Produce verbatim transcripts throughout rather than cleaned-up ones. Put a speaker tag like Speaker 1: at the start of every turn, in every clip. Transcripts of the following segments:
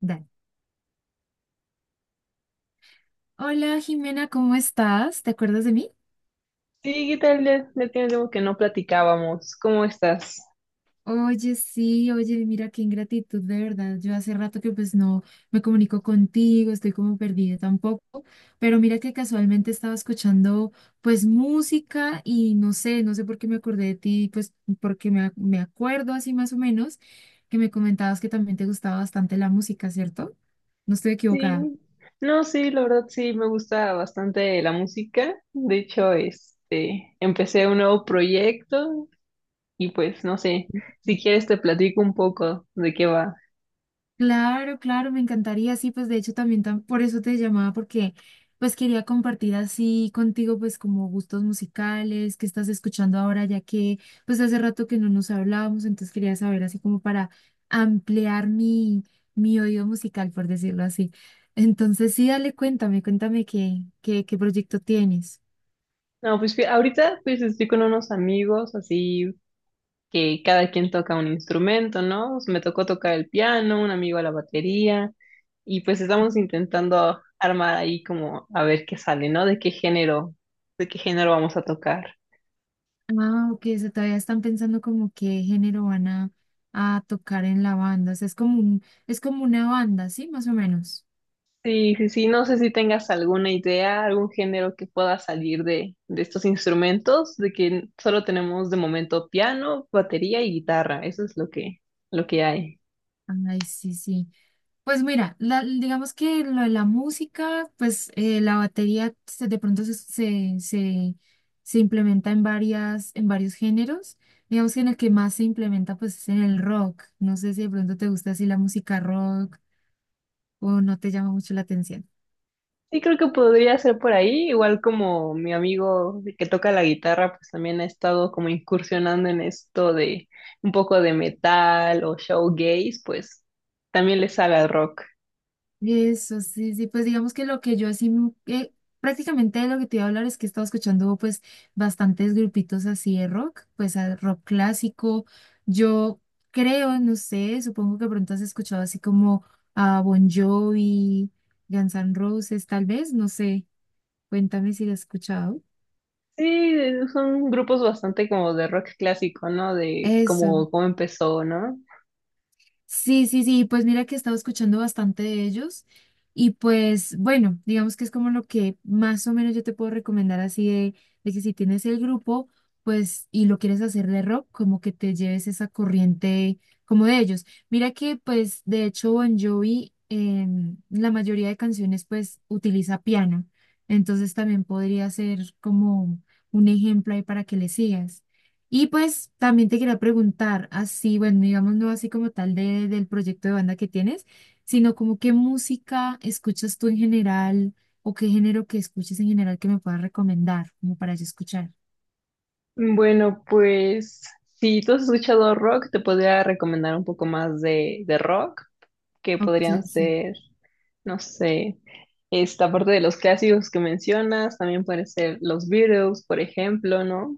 Speaker 1: Dale. Hola Jimena, ¿cómo estás? ¿Te acuerdas de mí?
Speaker 2: Sí, ¿qué tal? Ya, ya tiene tiempo que no platicábamos. ¿Cómo estás?
Speaker 1: Oye, sí, oye, mira qué ingratitud, de verdad. Yo hace rato que pues no me comunico contigo, estoy como perdida tampoco, pero mira que casualmente estaba escuchando pues música y no sé, no sé por qué me acordé de ti, pues porque me, ac- me acuerdo así más o menos que me comentabas que también te gustaba bastante la música, ¿cierto? No estoy equivocada.
Speaker 2: Sí. No, sí, la verdad sí, me gusta bastante la música. De hecho, este, empecé un nuevo proyecto y pues no sé, si quieres te platico un poco de qué va.
Speaker 1: Claro, claro, me encantaría, sí, pues de hecho también tam- por eso te llamaba, porque pues quería compartir así contigo pues como gustos musicales, qué estás escuchando ahora, ya que pues hace rato que no nos hablábamos, entonces quería saber así como para ampliar mi, mi oído musical, por decirlo así. Entonces sí, dale, cuéntame, cuéntame qué, qué, qué proyecto tienes.
Speaker 2: No, pues fí- ahorita pues estoy con unos amigos así que cada quien toca un instrumento, ¿no? Me tocó tocar el piano, un amigo la batería, y pues estamos intentando armar ahí como a ver qué sale, ¿no? De qué género, de qué género vamos a tocar.
Speaker 1: Ah, ok, o sea, todavía están pensando como qué género van a, a tocar en la banda, o sea, es como un, es como una banda, ¿sí? Más o menos.
Speaker 2: Sí, sí, sí, no sé si tengas alguna idea, algún género que pueda salir de, de estos instrumentos, de que solo tenemos de momento piano, batería y guitarra, eso es lo que, lo que hay.
Speaker 1: Ay, sí, sí. Pues mira, la- digamos que lo de la música, pues eh, la batería se- de pronto se, se, se, se implementa en varias, en varios géneros. Digamos que en el que más se implementa, pues es en el rock. No sé si de pronto te gusta así la música rock o no te llama mucho la atención.
Speaker 2: Sí, creo que podría ser por ahí, igual como mi amigo que toca la guitarra, pues también ha estado como incursionando en esto de un poco de metal o showgaze, pues también le sabe al rock.
Speaker 1: Eso, sí, sí, pues digamos que lo que yo así, m- eh, prácticamente de lo que te iba a hablar es que he estado escuchando pues bastantes grupitos así de rock, pues a- rock clásico, yo creo, no sé, supongo que pronto has escuchado así como a Bon Jovi, Guns N' Roses, tal vez, no sé, cuéntame si lo has escuchado.
Speaker 2: Sí, son grupos bastante como de rock clásico, ¿no? De
Speaker 1: Eso.
Speaker 2: como cómo empezó, ¿no?
Speaker 1: Sí, sí, sí, pues mira que he estado escuchando bastante de ellos y pues bueno, digamos que es como lo que más o menos yo te puedo recomendar así de, de que si tienes el grupo, pues y lo quieres hacer de rock, como que te lleves esa corriente como de ellos. Mira que pues de hecho Bon Jovi en la mayoría de canciones pues utiliza piano, entonces también podría ser como un ejemplo ahí para que le sigas. Y pues también te quería preguntar, así, bueno, digamos, no así como tal de, del proyecto de banda que tienes, sino como qué música escuchas tú en general o qué género que escuches en general que me puedas recomendar, como para yo escuchar.
Speaker 2: Bueno, pues si tú has escuchado rock, te podría recomendar un poco más de, de rock, que
Speaker 1: Ok,
Speaker 2: podrían
Speaker 1: sí.
Speaker 2: ser. No sé, esta parte de los clásicos que mencionas, también pueden ser los Beatles, por ejemplo, ¿no?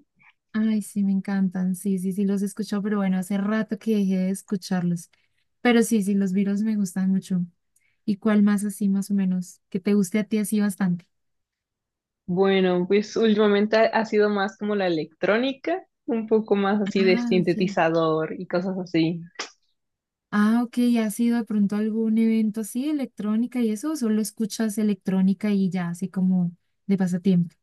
Speaker 1: Ay, sí, me encantan. Sí, sí, sí, los he escuchado, pero bueno, hace rato que dejé de escucharlos. Pero sí, sí, los Beatles me gustan mucho. ¿Y cuál más así, más o menos, que te guste a ti así bastante?
Speaker 2: Bueno, pues últimamente ha ha sido más como la electrónica, un poco más así de
Speaker 1: Ah, ok.
Speaker 2: sintetizador y cosas así.
Speaker 1: Ah, ok, ¿has sido de pronto a algún evento así, electrónica y eso? ¿O solo escuchas electrónica y ya, así como de pasatiempo?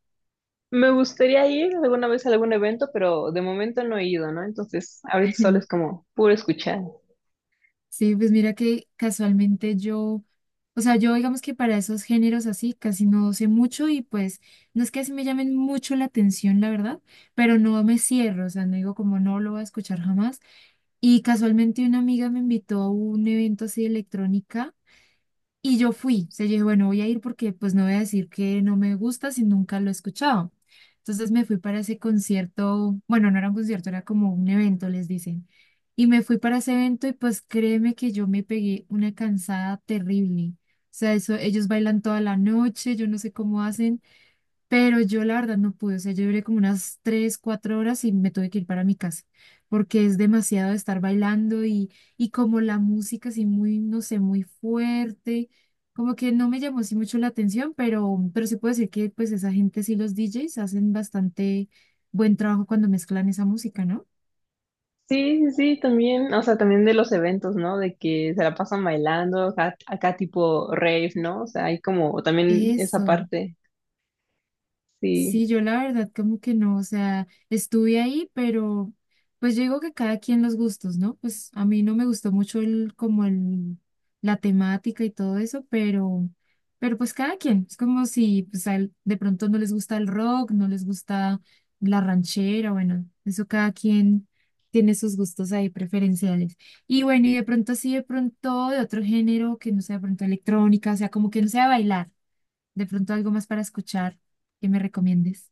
Speaker 2: Me gustaría ir alguna vez a algún evento, pero de momento no he ido, ¿no? Entonces, ahorita solo es como puro escuchar.
Speaker 1: Sí, pues mira que casualmente yo, o sea, yo digamos que para esos géneros así casi no sé mucho y pues no es que así me llamen mucho la atención, la verdad, pero no me cierro, o sea, no digo como no lo voy a escuchar jamás. Y casualmente una amiga me invitó a un evento así de electrónica. Y yo fui, o sea, yo dije, bueno, voy a ir porque pues no voy a decir que no me gusta si nunca lo he escuchado. Entonces me fui para ese concierto, bueno, no era un concierto, era como un evento, les dicen. Y me fui para ese evento y pues créeme que yo me pegué una cansada terrible. O sea, eso, ellos bailan toda la noche, yo no sé cómo hacen. Pero yo la verdad no pude, o sea, yo duré como unas tres, cuatro horas y me tuve que ir para mi casa, porque es demasiado de estar bailando y, y como la música así muy, no sé, muy fuerte, como que no me llamó así mucho la atención, pero, pero sí puedo decir que pues esa gente, sí, los D Js hacen bastante buen trabajo cuando mezclan esa música, ¿no?
Speaker 2: Sí, sí, sí, también, o sea, también de los eventos, ¿no? De que se la pasan bailando, acá, acá tipo rave, ¿no? O sea, hay como también esa
Speaker 1: Eso.
Speaker 2: parte. Sí.
Speaker 1: Sí, yo la verdad como que no, o sea, estuve ahí, pero pues yo digo que cada quien los gustos, ¿no? Pues a mí no me gustó mucho el, como el, la temática y todo eso, pero, pero pues cada quien, es como si pues a él de pronto no les gusta el rock, no les gusta la ranchera, bueno, eso cada quien tiene sus gustos ahí preferenciales. Y bueno, y de pronto así, de pronto de otro género que no sea de pronto electrónica, o sea, como que no sea bailar. De pronto algo más para escuchar que me recomiendes.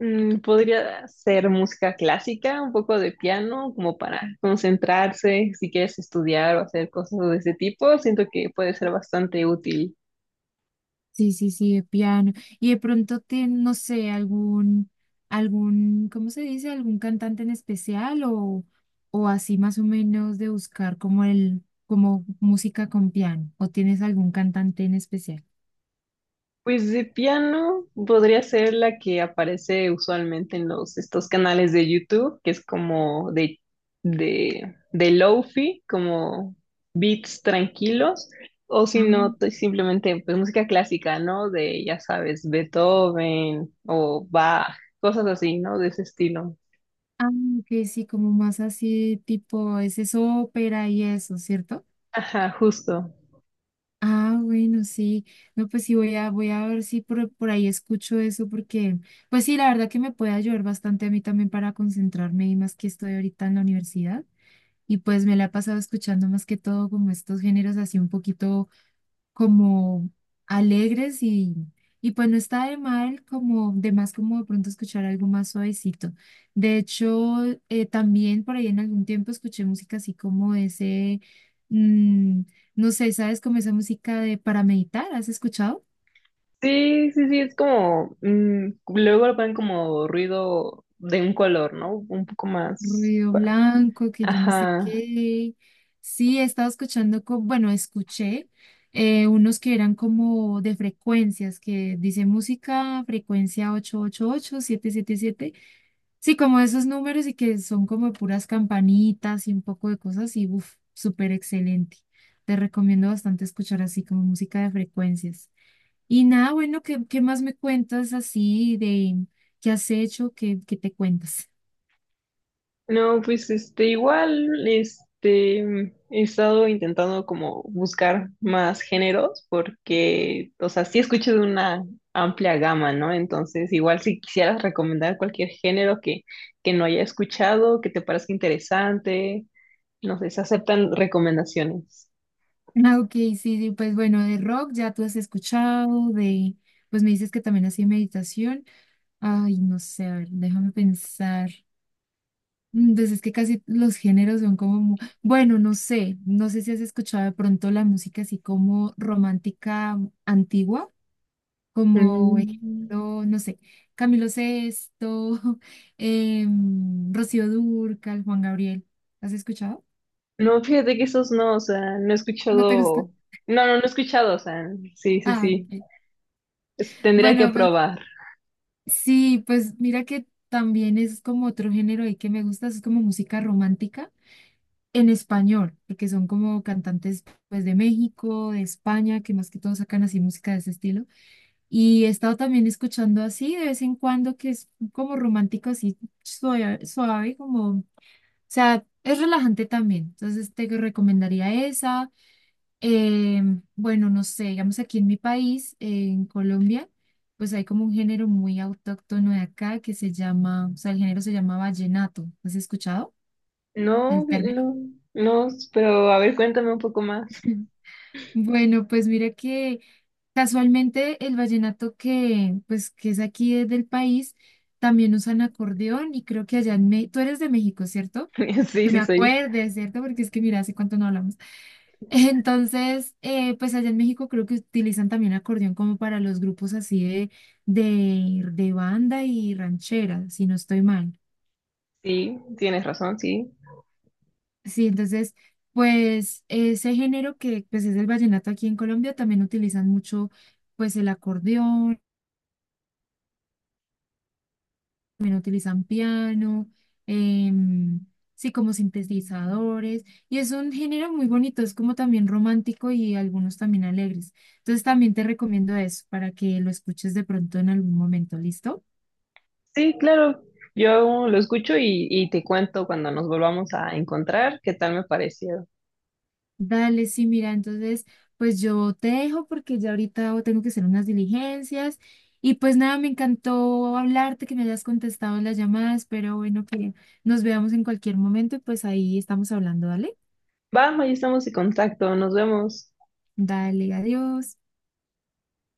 Speaker 2: Mm, podría ser música clásica, un poco de piano, como para concentrarse, si quieres estudiar o hacer cosas de ese tipo, siento que puede ser bastante útil.
Speaker 1: Sí, sí, sí, de piano. Y de pronto te no sé, algún, algún, ¿cómo se dice? ¿Algún cantante en especial o, o así más o menos de buscar como el, como música con piano? ¿O tienes algún cantante en especial?
Speaker 2: Pues de piano podría ser la que aparece usualmente en los estos canales de YouTube, que es como de de de lofi, como beats tranquilos, o si no
Speaker 1: Ah,
Speaker 2: t- simplemente pues música clásica, ¿no? De ya sabes, Beethoven o Bach, cosas así, ¿no? De ese estilo.
Speaker 1: ah, que sí, como más así tipo, ese es ópera y eso, ¿cierto?
Speaker 2: Ajá, justo.
Speaker 1: Ah, bueno, sí. No, pues sí, voy a, voy a ver si por, por ahí escucho eso, porque, pues sí, la verdad que me puede ayudar bastante a mí también para concentrarme y más que estoy ahorita en la universidad. Y pues me la he pasado escuchando más que todo como estos géneros así un poquito como alegres y, y pues no está de mal como de más como de pronto escuchar algo más suavecito. De hecho, eh, también por ahí en algún tiempo escuché música así como ese, mm, no sé, ¿sabes? Como esa música de para meditar, ¿has escuchado?
Speaker 2: Sí, sí, sí, es como, mm, luego lo ponen como ruido de un color, ¿no? Un poco más.
Speaker 1: Ruido blanco, que yo no sé
Speaker 2: Ajá.
Speaker 1: qué. Sí, he estado escuchando, co- bueno, escuché eh, unos que eran como de frecuencias, que dice música, frecuencia ochocientos ochenta y ocho, siete. Sí, como esos números y que son como puras campanitas y un poco de cosas y uff, súper excelente. Te recomiendo bastante escuchar así como música de frecuencias. Y nada, bueno, ¿qué, qué más me cuentas así de qué has hecho, qué, qué te cuentas?
Speaker 2: No, pues este, igual, este, mm, he estado intentando como buscar más géneros porque, o sea, sí escucho de una amplia gama, ¿no? Entonces, igual si quisieras recomendar cualquier género que, que no haya escuchado, que te parezca interesante, no sé, se aceptan recomendaciones.
Speaker 1: Ah, ok, sí, sí, pues bueno, de rock ya tú has escuchado, de, pues me dices que también hacía meditación. Ay, no sé, a ver, déjame pensar. Entonces es que casi los géneros son como, mu- bueno, no sé, no sé si has escuchado de pronto la música así como romántica antigua, como
Speaker 2: Mm,
Speaker 1: ejemplo, no sé, Camilo Sesto, em, Rocío Dúrcal, Juan Gabriel. ¿Has escuchado?
Speaker 2: no, fíjate que esos no, o sea, no he
Speaker 1: ¿No te gusta?
Speaker 2: escuchado, no, no, no he escuchado, o sea, sí, sí,
Speaker 1: Ah,
Speaker 2: sí,
Speaker 1: ok.
Speaker 2: Es- tendría que
Speaker 1: Bueno, pues
Speaker 2: probar.
Speaker 1: sí, pues mira que también es como otro género ahí que me gusta, es como música romántica en español, porque son como cantantes pues de México, de España, que más que todo sacan así música de ese estilo. Y he estado también escuchando así de vez en cuando, que es como romántico, así suave, suave, como, o sea, es relajante también. Entonces te recomendaría esa. Eh, bueno, no sé, digamos aquí en mi país, en Colombia. Pues hay como un género muy autóctono de acá que se llama, o sea, el género se llama vallenato. ¿Has escuchado
Speaker 2: No,
Speaker 1: el
Speaker 2: vi-
Speaker 1: término?
Speaker 2: no, no, pero a ver, cuéntame un poco más.
Speaker 1: Bueno, pues mira que casualmente el vallenato que, pues, que es aquí es del país, también usan acordeón y creo que allá en México, tú eres de México, ¿cierto?
Speaker 2: Sí,
Speaker 1: Que me
Speaker 2: sí, soy yo.
Speaker 1: acuerdes, ¿cierto? Porque es que mira, hace cuánto no hablamos. Entonces, eh, pues allá en México creo que utilizan también acordeón como para los grupos así de, de, de banda y ranchera, si no estoy mal.
Speaker 2: Sí, tienes razón, sí.
Speaker 1: Sí, entonces, pues ese género que pues es el vallenato aquí en Colombia también utilizan mucho pues el acordeón, también utilizan piano, em, sí, como sintetizadores, y es un género muy bonito, es como también romántico y algunos también alegres. Entonces también te recomiendo eso para que lo escuches de pronto en algún momento, ¿listo?
Speaker 2: Sí, claro, yo lo escucho y, y te cuento cuando nos volvamos a encontrar qué tal me pareció.
Speaker 1: Dale, sí, mira, entonces, pues yo te dejo porque ya ahorita tengo que hacer unas diligencias. Y pues nada, me encantó hablarte, que me hayas contestado las llamadas, pero bueno, que nos veamos en cualquier momento y pues ahí estamos hablando, ¿dale?
Speaker 2: Vamos, ahí estamos en contacto, nos vemos.
Speaker 1: Dale, adiós.